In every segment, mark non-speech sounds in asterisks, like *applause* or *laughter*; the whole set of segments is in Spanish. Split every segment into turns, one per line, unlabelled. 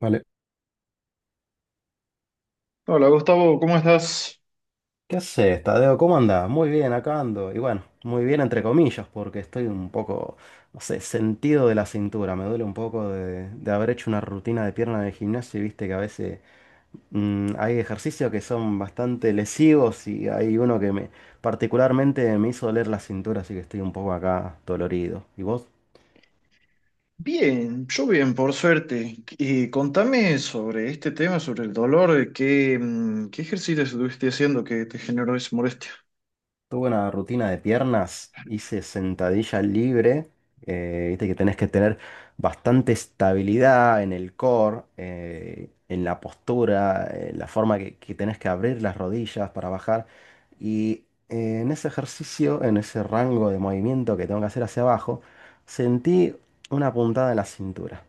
Vale.
Hola Gustavo, ¿cómo estás?
¿Qué haces, Tadeo? ¿Cómo andás? Muy bien, acá ando. Y bueno, muy bien entre comillas, porque estoy un poco, no sé, sentido de la cintura. Me duele un poco de haber hecho una rutina de pierna de gimnasio y viste que a veces hay ejercicios que son bastante lesivos y hay uno que me particularmente me hizo doler la cintura, así que estoy un poco acá dolorido. ¿Y vos?
Bien, yo bien, por suerte. Y contame sobre este tema, sobre el dolor, ¿qué ejercicio estuviste haciendo que te generó esa molestia?
Tuve una rutina de piernas, hice sentadilla libre, viste que tenés que tener bastante estabilidad en el core, en la postura, en la forma que tenés que abrir las rodillas para bajar. Y en ese ejercicio, en ese rango de movimiento que tengo que hacer hacia abajo, sentí una puntada en la cintura.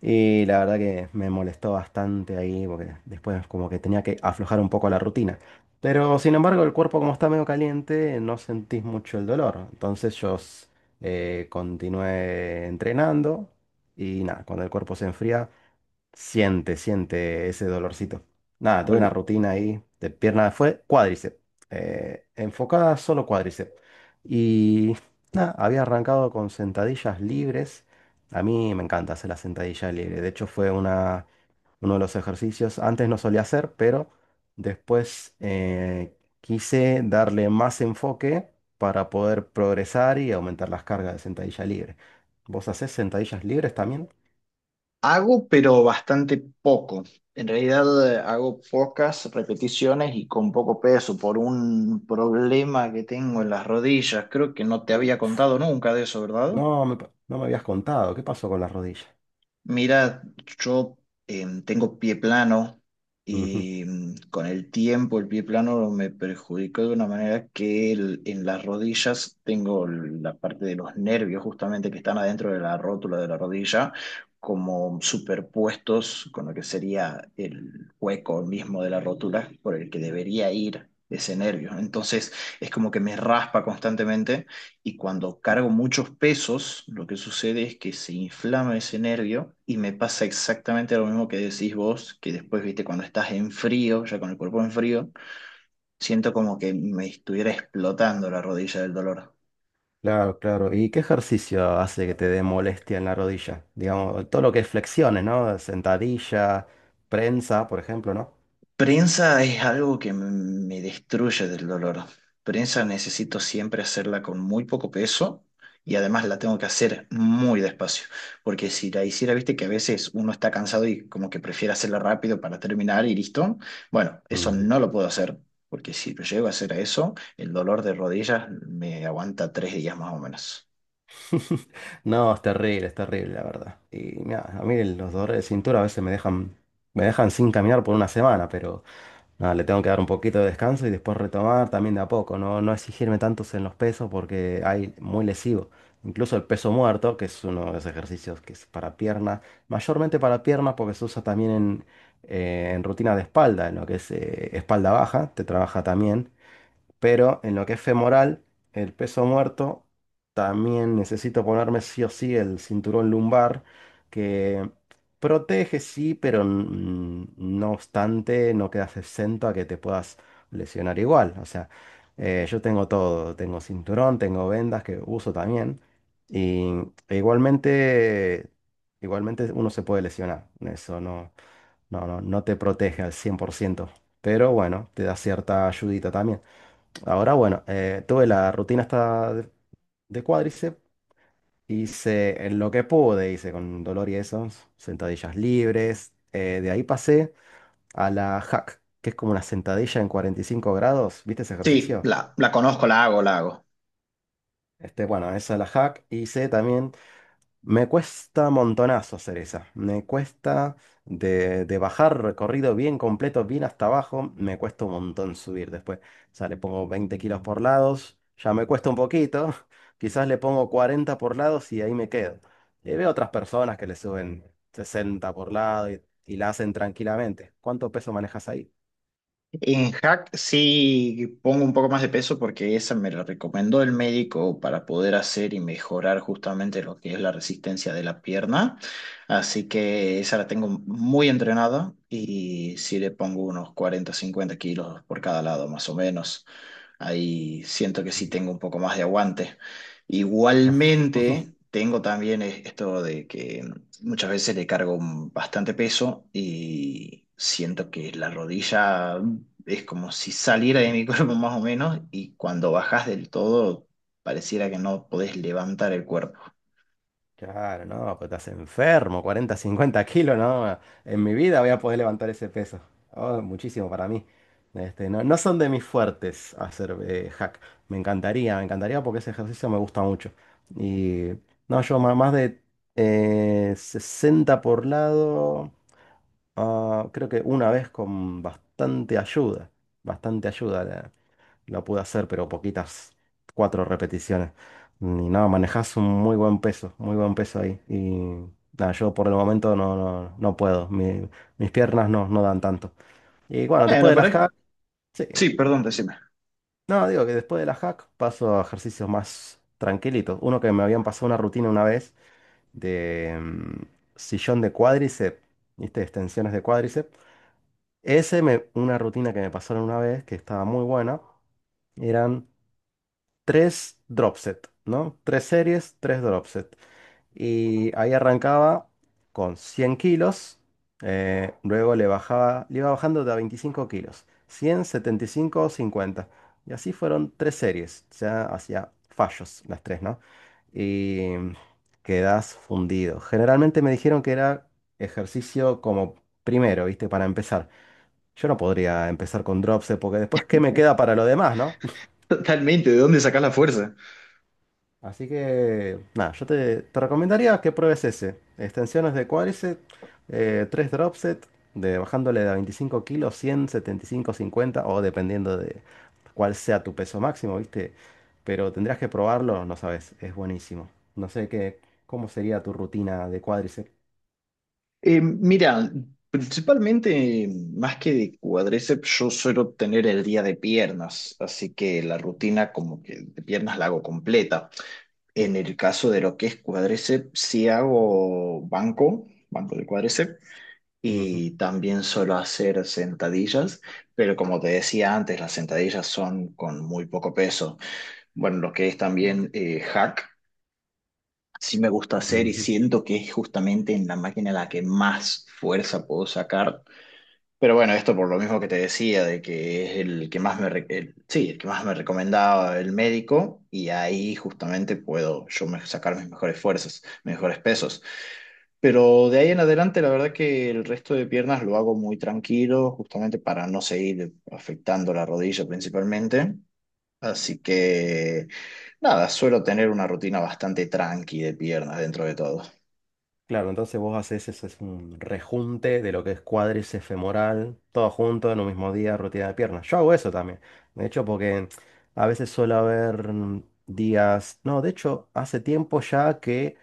Y la verdad que me molestó bastante ahí porque después como que tenía que aflojar un poco la rutina. Pero sin embargo el cuerpo como está medio caliente no sentís mucho el dolor. Entonces yo continué entrenando y nada, cuando el cuerpo se enfría, siente ese dolorcito. Nada, tuve una
Al-
rutina ahí de pierna, fue cuádriceps, enfocada solo cuádriceps. Y nada, había arrancado con sentadillas libres. A mí me encanta hacer la sentadilla libre. De hecho, uno de los ejercicios. Antes no solía hacer, pero después quise darle más enfoque para poder progresar y aumentar las cargas de sentadilla libre. ¿Vos hacés sentadillas libres también?
Hago, pero bastante poco. En realidad hago pocas repeticiones y con poco peso por un problema que tengo en las rodillas. Creo que no te había contado nunca de eso, ¿verdad?
No me habías contado. ¿Qué pasó con la rodilla?
Mira, yo tengo pie plano
Ujú.
y con el tiempo el pie plano me perjudicó de una manera que en las rodillas tengo la parte de los nervios justamente que están adentro de la rótula de la rodilla como superpuestos con lo que sería el hueco mismo de la rótula por el que debería ir ese nervio. Entonces es como que me raspa constantemente. Y cuando cargo muchos pesos, lo que sucede es que se inflama ese nervio y me pasa exactamente lo mismo que decís vos, que después, viste, cuando estás en frío, ya con el cuerpo en frío, siento como que me estuviera explotando la rodilla del dolor.
Claro, claro. ¿Y qué ejercicio hace que te dé molestia en la rodilla? Digamos, todo lo que es flexiones, ¿no? Sentadilla, prensa, por ejemplo, ¿no?
Prensa es algo que me destruye del dolor. Prensa necesito siempre hacerla con muy poco peso y además la tengo que hacer muy despacio, porque si la hiciera, viste que a veces uno está cansado y como que prefiere hacerla rápido para terminar y listo. Bueno, eso
Ujú.
no lo puedo hacer, porque si lo llego a hacer a eso, el dolor de rodillas me aguanta 3 días más o menos.
*laughs* No, es terrible, la verdad. Y mira, a mí los dolores de cintura a veces me dejan sin caminar por una semana, pero nada, le tengo que dar un poquito de descanso y después retomar también de a poco, no exigirme tantos en los pesos porque hay muy lesivo. Incluso el peso muerto, que es uno de los ejercicios que es para piernas, mayormente para piernas porque se usa también en rutina de espalda, en lo que es espalda baja, te trabaja también. Pero en lo que es femoral, el peso muerto, también necesito ponerme sí o sí el cinturón lumbar, que protege sí, pero no obstante, no quedas exento a que te puedas lesionar igual. O sea, yo tengo todo, tengo cinturón, tengo vendas que uso también. Y e igualmente, igualmente uno se puede lesionar. Eso no te protege al 100%, pero bueno, te da cierta ayudita también. Ahora, bueno, tuve la rutina esta de cuádriceps, hice en lo que pude, hice con dolor y eso, sentadillas libres. De ahí pasé a la hack, que es como una sentadilla en 45 grados, ¿viste ese
Sí,
ejercicio?
la conozco, la hago, la hago.
Este, bueno, esa es la hack. Hice también. Me cuesta montonazo hacer esa. Me cuesta de bajar recorrido bien completo, bien hasta abajo. Me cuesta un montón subir después. O sea, le pongo 20 kilos por lados. Ya me cuesta un poquito. *laughs* Quizás le pongo 40 por lados y ahí me quedo. Y veo otras personas que le suben 60 por lado y la hacen tranquilamente. ¿Cuánto peso manejas ahí?
En hack sí pongo un poco más de peso porque esa me la recomendó el médico para poder hacer y mejorar justamente lo que es la resistencia de la pierna. Así que esa la tengo muy entrenada y sí le pongo unos 40 50 kilos por cada lado más o menos. Ahí siento que sí tengo un poco más de aguante.
No. *laughs*
Igualmente, tengo también esto de que muchas veces le cargo bastante peso y siento que la rodilla es como si saliera de mi *laughs* cuerpo más o menos y cuando bajas del todo pareciera que no podés levantar el cuerpo.
Claro, no, pues estás enfermo, 40, 50 kilos, no. En mi vida voy a poder levantar ese peso. Oh, muchísimo para mí. Este, no, no son de mis fuertes hacer hack. Me encantaría porque ese ejercicio me gusta mucho. Y no, yo más de 60 por lado, ah, creo que una vez con bastante ayuda. Bastante ayuda. Lo pude hacer, pero poquitas, cuatro repeticiones. Y nada, manejás un muy buen peso ahí. Y nada, yo por el momento no puedo. Mis piernas no dan tanto. Y bueno, después
Bueno,
de
pero
las hack, sí.
sí, perdón, decime.
No, digo que después de las hack paso a ejercicios más tranquilitos. Uno que me habían pasado una rutina una vez de sillón de cuádriceps, ¿viste? Extensiones de cuádriceps. Una rutina que me pasaron una vez que estaba muy buena. Eran tres dropset, ¿no? Tres series, tres dropset. Y ahí arrancaba con 100 kilos, luego le bajaba, le iba bajando de a 25 kilos, cien, 75, 50. Y así fueron tres series, o sea, hacía fallos las tres, ¿no? Y quedas fundido. Generalmente me dijeron que era ejercicio como primero, ¿viste? Para empezar. Yo no podría empezar con dropset porque después, ¿qué me queda para lo demás, no?
*laughs* Totalmente, ¿de dónde sacás la fuerza?
Así que, nada, te recomendaría que pruebes ese. Extensiones de cuádriceps, tres drop set de, bajándole de a 25 kilos, 100, 75, cincuenta o dependiendo de cuál sea tu peso máximo, ¿viste? Pero tendrías que probarlo, no sabes, es buenísimo. No sé qué, cómo sería tu rutina de cuádriceps.
Mira, principalmente, más que de cuádriceps, yo suelo tener el día de piernas, así que la rutina como que de piernas la hago completa.
Sí.
En el caso de lo que es cuádriceps, sí hago banco, banco de cuádriceps,
Ujú,
y también suelo hacer sentadillas, pero como te decía antes, las sentadillas son con muy poco peso. Bueno, lo que es también hack. Sí me gusta hacer y
ujú.
siento que es justamente en la máquina la que más fuerza puedo sacar, pero bueno, esto por lo mismo que te decía, de que es el que más me, sí, el que más me recomendaba el médico, y ahí justamente puedo yo sacar mis mejores fuerzas, mejores pesos. Pero de ahí en adelante, la verdad que el resto de piernas lo hago muy tranquilo, justamente para no seguir afectando la rodilla principalmente. Así que nada, suelo tener una rutina bastante tranqui de piernas dentro de todo.
Claro, entonces vos haces eso, es un rejunte de lo que es cuádriceps femoral, todo junto en un mismo día, rutina de piernas. Yo hago eso también. De hecho, porque a veces suele haber días. No, de hecho, hace tiempo ya que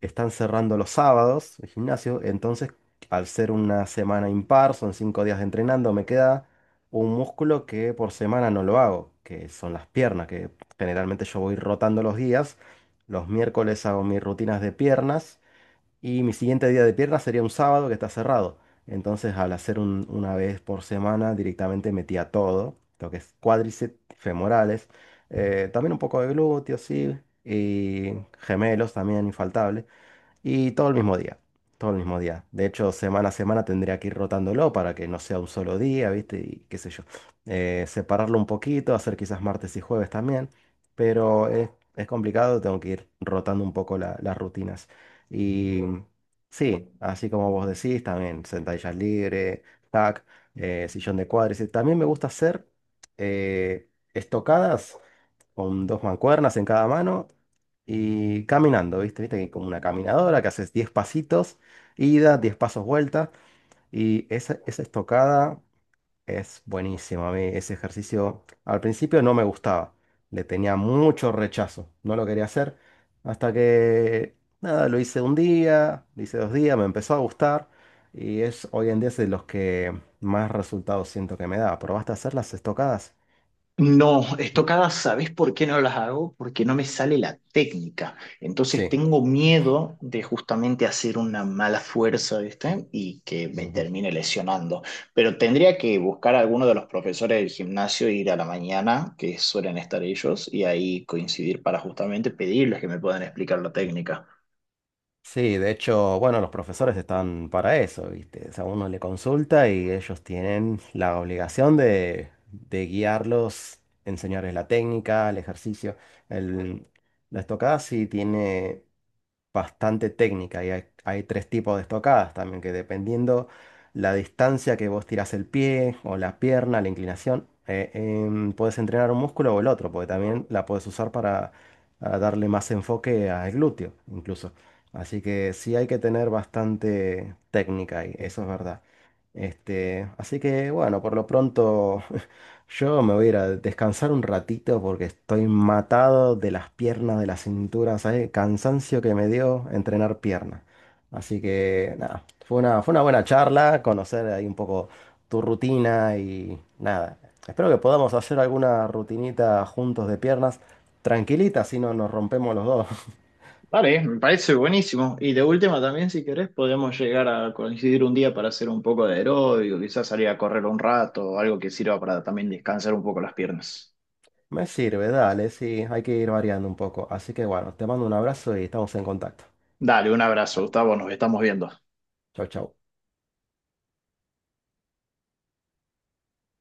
están cerrando los sábados el gimnasio. Entonces, al ser una semana impar, son 5 días de entrenando, me queda un músculo que por semana no lo hago, que son las piernas, que generalmente yo voy rotando los días. Los miércoles hago mis rutinas de piernas. Y mi siguiente día de pierna sería un sábado que está cerrado. Entonces, al hacer una vez por semana, directamente metía todo, lo que es cuádriceps, femorales, también un poco de glúteos, sí, y gemelos también, infaltable. Y todo el mismo día, todo el mismo día. De hecho, semana a semana tendría que ir rotándolo para que no sea un solo día, ¿viste? Y qué sé yo. Separarlo un poquito, hacer quizás martes y jueves también, pero es complicado, tengo que ir rotando un poco las rutinas. Y sí, así como vos decís, también sentadillas libres, tac, sillón de cuádriceps. También me gusta hacer eh, estocadas con dos mancuernas en cada mano y caminando, ¿viste? Viste que como una caminadora que haces 10 pasitos, ida, 10 pasos vuelta y esa estocada es buenísima. A mí ese ejercicio al principio no me gustaba, le tenía mucho rechazo, no lo quería hacer hasta que, nada, lo hice un día, lo hice 2 días, me empezó a gustar y es hoy en día es de los que más resultados siento que me da. ¿Probaste a hacer las estocadas?
No,
Mm,
estocadas, ¿sabes por qué no las hago? Porque no me sale la técnica. Entonces
sí.
tengo miedo de justamente hacer una mala fuerza, ¿viste? Y que me termine lesionando. Pero tendría que buscar a alguno de los profesores del gimnasio, e ir a la mañana, que suelen estar ellos, y ahí coincidir para justamente pedirles que me puedan explicar la técnica.
Sí, de hecho, bueno, los profesores están para eso, ¿viste? O sea, uno le consulta y ellos tienen la obligación de guiarlos, enseñarles la técnica, el ejercicio. El, la estocada sí tiene bastante técnica y hay tres tipos de estocadas también, que dependiendo la distancia que vos tirás el pie o la pierna, la inclinación, puedes entrenar un músculo o el otro, porque también la puedes usar para a darle más enfoque al glúteo, incluso. Así que sí hay que tener bastante técnica ahí, eso es verdad. Este, así que bueno, por lo pronto *laughs* yo me voy a ir a descansar un ratito porque estoy matado de las piernas, de la cintura, ¿sabes? Cansancio que me dio entrenar piernas. Así que nada, fue una buena charla, conocer ahí un poco tu rutina y nada. Espero que podamos hacer alguna rutinita juntos de piernas, tranquilita, si no nos rompemos los dos.
Vale, me parece buenísimo. Y de última también, si querés, podemos llegar a coincidir un día para hacer un poco de aeróbico, quizás salir a correr un rato, algo que sirva para también descansar un poco las piernas.
Me sirve, dale, sí, hay que ir variando un poco. Así que bueno, te mando un abrazo y estamos en contacto.
Dale, un abrazo,
Bueno,
Gustavo, nos estamos viendo.
chau, chau.